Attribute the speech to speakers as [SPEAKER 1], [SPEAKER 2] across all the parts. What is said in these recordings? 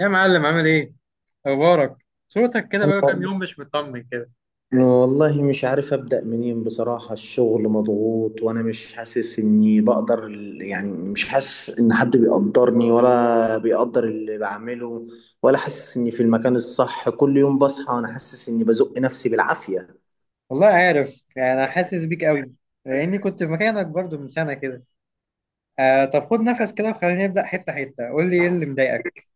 [SPEAKER 1] يا معلم عامل ايه؟ اخبارك؟ صوتك كده
[SPEAKER 2] أنا،
[SPEAKER 1] بقى كام يوم مش مطمن كده.
[SPEAKER 2] والله مش عارف أبدأ منين بصراحة. الشغل مضغوط وأنا مش حاسس إني بقدر، يعني مش حاسس إن حد بيقدرني ولا بيقدر اللي بعمله، ولا حاسس إني في المكان الصح. كل يوم بصحى وأنا حاسس إني بزق نفسي بالعافية.
[SPEAKER 1] والله عارف انا حاسس بيك قوي لاني كنت في مكانك برضو من سنه كده. آه طب خد نفس كده وخلينا نبدا حته حته قول لي ايه اللي مضايقك.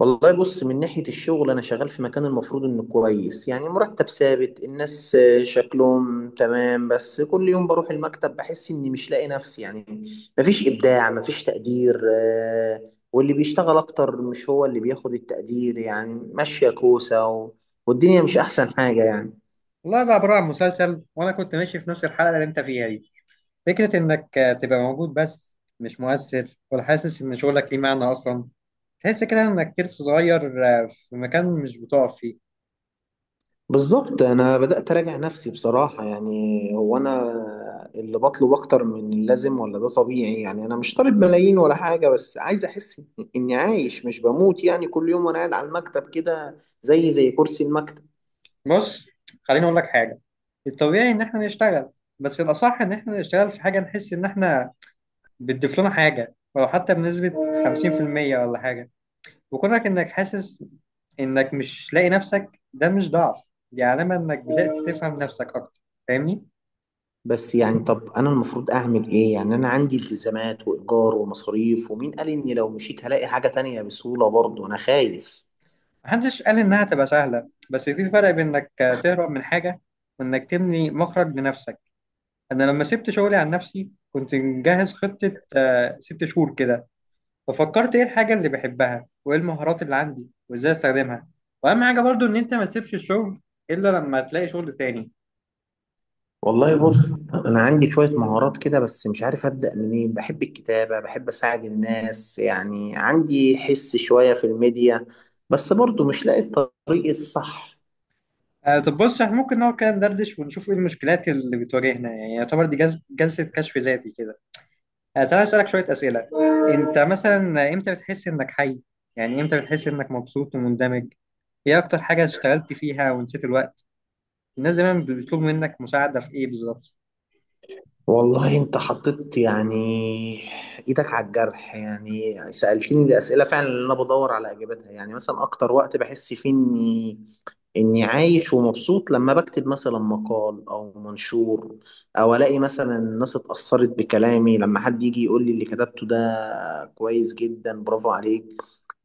[SPEAKER 2] والله بص، من ناحية الشغل أنا شغال في مكان المفروض إنه كويس، يعني مرتب ثابت، الناس شكلهم تمام، بس كل يوم بروح المكتب بحس إني مش لاقي نفسي يعني. مفيش إبداع مفيش تقدير واللي بيشتغل أكتر مش هو اللي بياخد التقدير، يعني ماشية كوسة والدنيا مش أحسن حاجة يعني.
[SPEAKER 1] والله ده عباره عن مسلسل وانا كنت ماشي في نفس الحلقه اللي انت فيها دي. فكره انك تبقى موجود بس مش مؤثر ولا حاسس ان شغلك ليه معنى اصلا. تحس كده انك ترس صغير في مكان مش بتقف فيه.
[SPEAKER 2] بالظبط، انا بدات اراجع نفسي بصراحه، يعني هو انا اللي بطلب اكتر من اللازم، ولا ده طبيعي؟ يعني انا مش طالب ملايين ولا حاجه، بس عايز احس اني عايش مش بموت. يعني كل يوم وانا قاعد على المكتب كده زي كرسي المكتب.
[SPEAKER 1] بص خليني اقول لك حاجه. الطبيعي ان احنا نشتغل، بس الاصح ان احنا نشتغل في حاجه نحس ان احنا بتضيف لنا حاجه ولو حتى بنسبه 50% ولا حاجه. وكونك انك حاسس انك مش لاقي نفسك ده مش ضعف. دي علامه انك بدات تفهم نفسك اكتر، فاهمني؟
[SPEAKER 2] بس يعني طب انا المفروض اعمل ايه يعني؟ انا عندي التزامات وايجار ومصاريف، ومين قال اني لو مشيت هلاقي حاجه تانية بسهوله؟ برضه انا خايف.
[SPEAKER 1] محدش قال انها تبقى سهله، بس في فرق بين انك تهرب من حاجه وانك تبني مخرج لنفسك. انا لما سبت شغلي عن نفسي كنت مجهز خطه 6 شهور كده. ففكرت ايه الحاجة اللي بحبها وايه المهارات اللي عندي وازاي استخدمها. واهم حاجة برضو ان انت ما تسيبش الشغل الا لما تلاقي شغل تاني.
[SPEAKER 2] والله بص، انا عندي شويه مهارات كده، بس مش عارف ابدا منين. بحب الكتابه، بحب اساعد الناس، يعني عندي حس شويه في الميديا، بس برضو مش لاقي الطريق الصح.
[SPEAKER 1] آه طب بص احنا ممكن نقعد كده ندردش ونشوف ايه المشكلات اللي بتواجهنا، يعني يعتبر دي جلسة كشف ذاتي كده. آه تعالى اسألك شوية أسئلة. انت مثلا امتى بتحس انك حي؟ يعني امتى بتحس انك مبسوط ومندمج؟ ايه اكتر حاجة اشتغلت فيها ونسيت الوقت؟ الناس دايما بيطلبوا منك مساعدة في ايه بالظبط؟
[SPEAKER 2] والله انت حطيت يعني ايدك على الجرح، يعني سألتني الاسئله فعلا اللي انا بدور على اجابتها. يعني مثلا اكتر وقت بحس فيه إني عايش ومبسوط، لما بكتب مثلا مقال أو منشور، أو ألاقي مثلا الناس اتأثرت بكلامي، لما حد يجي يقول لي اللي كتبته ده كويس جدا، برافو عليك.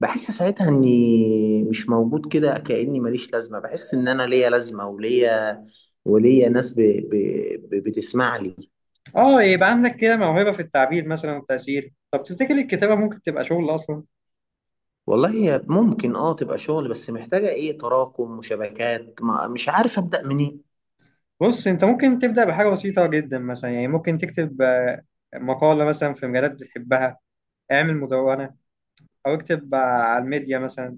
[SPEAKER 2] بحس ساعتها إني مش موجود كده، كأني ماليش لازمة. بحس إن أنا ليا لازمة وليا ناس بتسمع لي.
[SPEAKER 1] اه يبقى عندك كده موهبة في التعبير مثلا والتأثير. طب تفتكر الكتابة ممكن تبقى شغل أصلا؟
[SPEAKER 2] والله هي ممكن تبقى شغل، بس محتاجة ايه، تراكم وشبكات، ما مش عارف أبدأ منين.
[SPEAKER 1] بص أنت ممكن تبدأ بحاجة بسيطة جدا مثلا، يعني ممكن تكتب مقالة مثلا في مجالات بتحبها. اعمل مدونة أو اكتب على الميديا مثلا،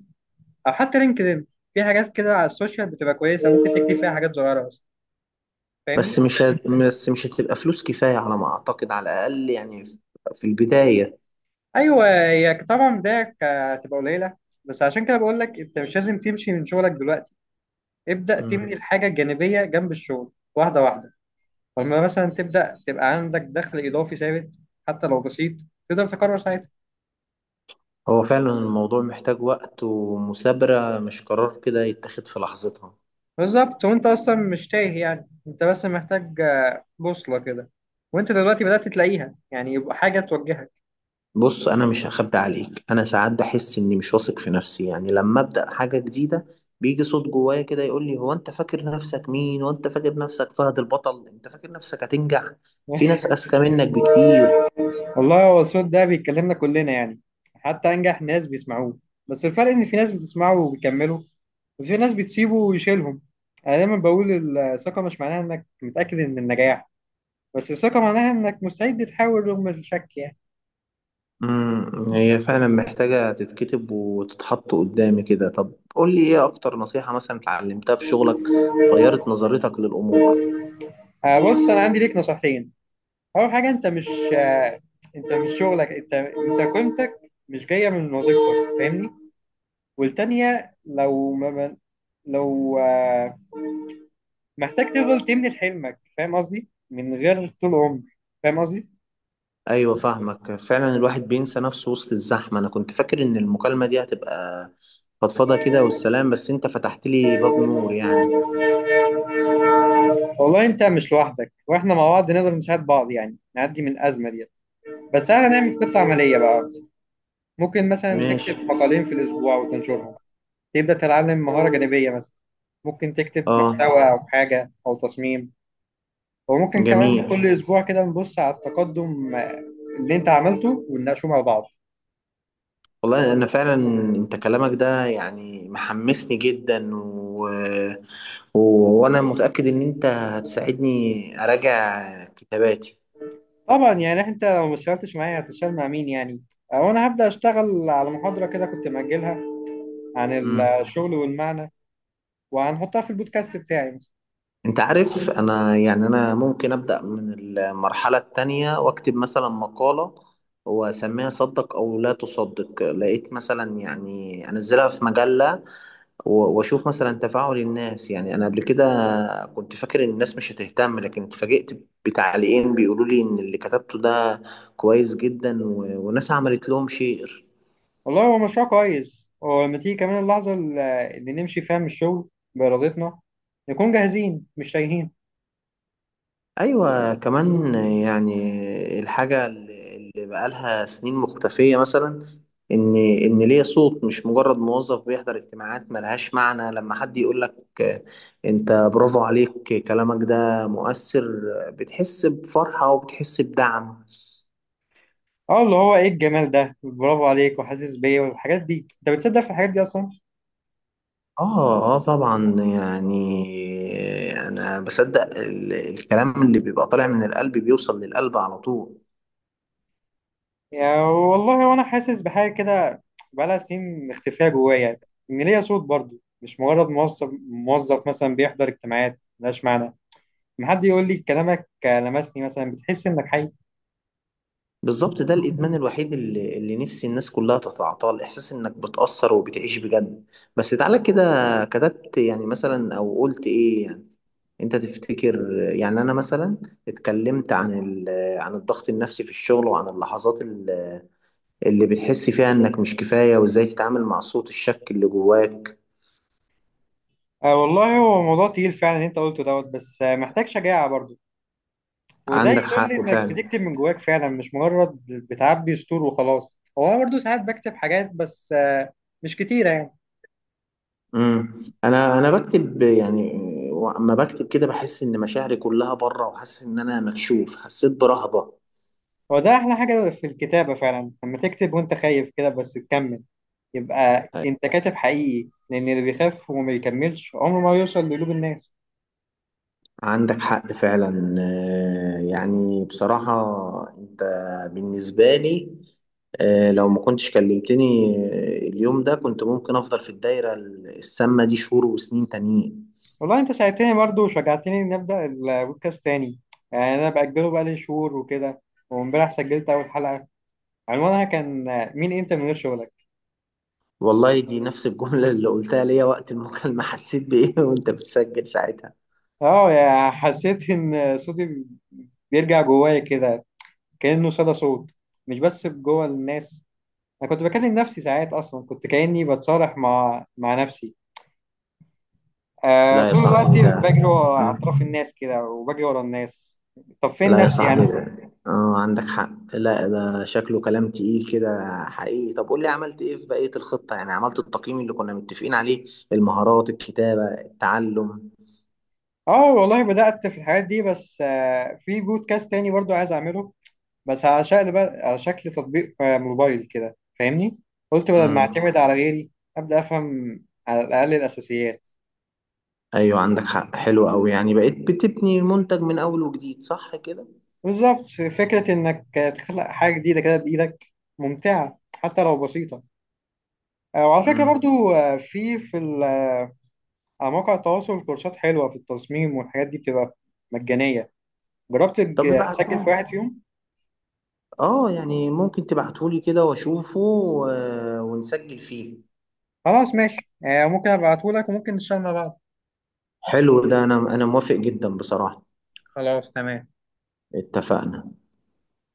[SPEAKER 1] أو حتى لينكدإن. في حاجات كده على السوشيال بتبقى كويسة ممكن تكتب فيها حاجات صغيرة بس، فاهمني؟
[SPEAKER 2] بس مش هتبقى فلوس كفاية على ما أعتقد، على الأقل يعني في البداية.
[SPEAKER 1] أيوه هي طبعا بداية هتبقى قليلة، بس عشان كده بقول لك أنت مش لازم تمشي من شغلك دلوقتي. ابدأ تبني
[SPEAKER 2] مم.
[SPEAKER 1] الحاجة الجانبية جنب الشغل واحدة واحدة. فلما مثلا تبدأ تبقى عندك دخل إضافي ثابت، حتى لو بسيط، تقدر تقرر ساعتها.
[SPEAKER 2] هو فعلا الموضوع محتاج وقت ومثابرة، مش قرار كده يتاخد في لحظتها.
[SPEAKER 1] بالظبط، وانت اصلا مش تايه، يعني انت بس محتاج بوصلة كده. وانت دلوقتي بدأت تلاقيها، يعني يبقى حاجة توجهك.
[SPEAKER 2] بص أنا مش هخبي عليك، أنا ساعات بحس إني مش واثق في نفسي، يعني لما أبدأ حاجة جديدة بيجي صوت جوايا كده يقول لي: هو أنت فاكر نفسك مين؟ وأنت فاكر نفسك فهد البطل؟ أنت فاكر نفسك هتنجح؟ في ناس أذكى منك بكتير.
[SPEAKER 1] والله هو الصوت ده بيتكلمنا كلنا يعني، حتى أنجح ناس بيسمعوه. بس الفرق إن في ناس بتسمعه وبيكملوا، وفي ناس بتسيبه ويشيلهم. أنا دايما بقول الثقة مش معناها إنك متأكد من النجاح، بس الثقة معناها إنك مستعد تحاول رغم الشك يعني.
[SPEAKER 2] هي فعلا محتاجة تتكتب وتتحط قدامي كده. طب قول لي ايه اكتر نصيحة مثلا اتعلمتها في شغلك، غيرت نظرتك للأمور؟
[SPEAKER 1] بص أنا عندي ليك نصيحتين. اول حاجه آه، انت مش شغلك، انت قيمتك مش جايه من وظيفتك، فاهمني؟ والتانيه لو ما ما- لو آه، محتاج تفضل تبني حلمك، فاهم قصدي؟ من غير طول عمر، فاهم قصدي؟
[SPEAKER 2] ايوه فاهمك فعلا، الواحد بينسى نفسه وسط الزحمة. انا كنت فاكر ان المكالمة دي هتبقى فضفضة كده والسلام، بس انت فتحت لي باب نور يعني.
[SPEAKER 1] والله انت مش لوحدك، واحنا مع بعض نقدر نساعد بعض يعني نعدي من الازمه ديت. بس احنا نعمل خطه عمليه بقى أكتر. ممكن مثلا
[SPEAKER 2] ماشي.
[SPEAKER 1] تكتب مقالين في الاسبوع وتنشرهم. تبدا تتعلم مهاره جانبيه مثلا. ممكن تكتب
[SPEAKER 2] اه.
[SPEAKER 1] محتوى او حاجه او تصميم. وممكن كمان كل
[SPEAKER 2] جميل.
[SPEAKER 1] اسبوع كده نبص على التقدم اللي انت عملته ونناقشه مع بعض.
[SPEAKER 2] والله انا فعلا، انت كلامك ده يعني محمسني جدا و... وانا متأكد ان انت هتساعدني اراجع كتاباتي.
[SPEAKER 1] طبعا يعني انت لو ما اشتغلتش معايا هتشتغل مع مين يعني؟ وانا هبدأ اشتغل على محاضرة كده كنت مأجلها عن
[SPEAKER 2] امم
[SPEAKER 1] الشغل والمعنى. وهنحطها في البودكاست بتاعي.
[SPEAKER 2] انت عارف، انا يعني انا ممكن ابدأ من المرحلة التانية واكتب مثلا مقالة، واسميها صدق او لا تصدق. لقيت مثلا يعني انزلها في مجلة، واشوف مثلا تفاعل الناس. يعني انا قبل كده كنت فاكر ان الناس مش هتهتم، لكن اتفاجئت بتعليقين بيقولوا لي ان اللي كتبته ده كويس جدا، وناس عملت لهم شير.
[SPEAKER 1] والله هو مشروع كويس، ولما تيجي كمان اللحظة اللي نمشي فيها من الشغل بإرادتنا نكون جاهزين مش تايهين.
[SPEAKER 2] ايوه كمان يعني الحاجه اللي بقالها سنين مختفيه مثلا، ان ليا صوت، مش مجرد موظف بيحضر اجتماعات ملهاش معنى. لما حد يقول لك انت برافو عليك، كلامك ده مؤثر، بتحس بفرحه وبتحس بدعم.
[SPEAKER 1] اه اللي هو ايه الجمال ده، برافو عليك وحاسس بيا والحاجات دي. انت بتصدق في الحاجات دي اصلا؟
[SPEAKER 2] اه، اه، طبعا، يعني انا بصدق الكلام اللي بيبقى طالع من القلب بيوصل للقلب على طول.
[SPEAKER 1] يعني والله وانا حاسس بحاجه كده بقالها سنين مختفيه جوايا يعني. ان ليا صوت برضو مش مجرد موظف مثلا بيحضر اجتماعات ملهاش معنى. لما حد يقول لي كلامك لمسني مثلا بتحس انك حي.
[SPEAKER 2] بالظبط، ده الادمان الوحيد اللي نفسي الناس كلها تتعاطاه، الاحساس انك بتأثر وبتعيش بجد. بس تعالى كده، كتبت يعني مثلا او قلت ايه يعني؟ انت تفتكر يعني انا مثلا اتكلمت عن عن الضغط النفسي في الشغل، وعن اللحظات اللي بتحس فيها انك مش كفاية، وازاي تتعامل مع صوت الشك اللي جواك؟
[SPEAKER 1] آه والله هو موضوع تقيل فعلا اللي انت قلته دوت، بس محتاج شجاعه برضو. وده
[SPEAKER 2] عندك
[SPEAKER 1] يدل
[SPEAKER 2] حق
[SPEAKER 1] انك
[SPEAKER 2] فعلا.
[SPEAKER 1] بتكتب من جواك فعلا مش مجرد بتعبي سطور وخلاص. هو انا برضو ساعات بكتب حاجات بس مش كتيره يعني.
[SPEAKER 2] امم انا بكتب يعني، اما بكتب كده بحس ان مشاعري كلها بره، وحاسس ان انا مكشوف، حسيت برهبة.
[SPEAKER 1] هو ده احلى حاجه في الكتابه فعلا لما تكتب وانت خايف كده بس تكمل، يبقى انت كاتب حقيقي، لان اللي بيخاف وما بيكملش عمره ما يوصل لقلوب الناس.
[SPEAKER 2] عندك حق فعلا يعني بصراحة، انت بالنسبة لي آه،، لو ما كنتش كلمتني اليوم ده كنت ممكن افضل في الدايرة السامة دي شهور وسنين تانيين.
[SPEAKER 1] والله انت ساعدتني برضه وشجعتني نبدا البودكاست تاني. يعني انا باجله بقالي شهور وكده، وامبارح سجلت اول حلقه عنوانها كان: مين انت من غير شغلك؟
[SPEAKER 2] والله دي نفس الجملة اللي قلتها ليا وقت المكالمة حسيت بإيه وانت بتسجل ساعتها؟
[SPEAKER 1] اه يا حسيت ان صوتي بيرجع جوايا كده كانه صدى صوت، مش بس جوه الناس. انا كنت بكلم نفسي ساعات اصلا، كنت كاني بتصالح مع نفسي
[SPEAKER 2] لا يا
[SPEAKER 1] طول الوقت.
[SPEAKER 2] صاحبي ده.
[SPEAKER 1] بجري ورا
[SPEAKER 2] مم.
[SPEAKER 1] اطراف الناس كده وبجري ورا الناس، طب فين
[SPEAKER 2] لا يا
[SPEAKER 1] نفسي
[SPEAKER 2] صاحبي
[SPEAKER 1] انا؟
[SPEAKER 2] ده. اه، عندك حق. لا ده شكله كلام تقيل كده حقيقي. طب قول لي عملت ايه في بقية الخطة؟ يعني عملت التقييم اللي كنا متفقين عليه، المهارات، الكتابة، التعلم؟
[SPEAKER 1] اه والله بدأت في الحاجات دي، بس في بودكاست تاني برضو عايز اعمله. بس على شكل تطبيق موبايل كده فاهمني. قلت بدل ما
[SPEAKER 2] امم.
[SPEAKER 1] اعتمد على غيري، ابدأ افهم على الاقل الاساسيات.
[SPEAKER 2] ايوه عندك حق، حلو قوي، يعني بقيت بتبني منتج من اول وجديد صح كده.
[SPEAKER 1] بالظبط. فكرة انك تخلق حاجة جديدة كده بايدك ممتعة حتى لو بسيطة. آه وعلى فكرة
[SPEAKER 2] امم
[SPEAKER 1] برضو على مواقع التواصل كورسات حلوة في التصميم والحاجات دي بتبقى مجانية. جربت
[SPEAKER 2] طب
[SPEAKER 1] تسجل في واحد
[SPEAKER 2] ابعتهولي.
[SPEAKER 1] فيهم؟
[SPEAKER 2] اه، يعني ممكن تبعتهولي كده واشوفه ونسجل فيه.
[SPEAKER 1] خلاص ماشي، ممكن ابعتهولك وممكن نشتغل مع بعض.
[SPEAKER 2] حلو ده، انا موافق جدا بصراحة.
[SPEAKER 1] خلاص تمام.
[SPEAKER 2] اتفقنا.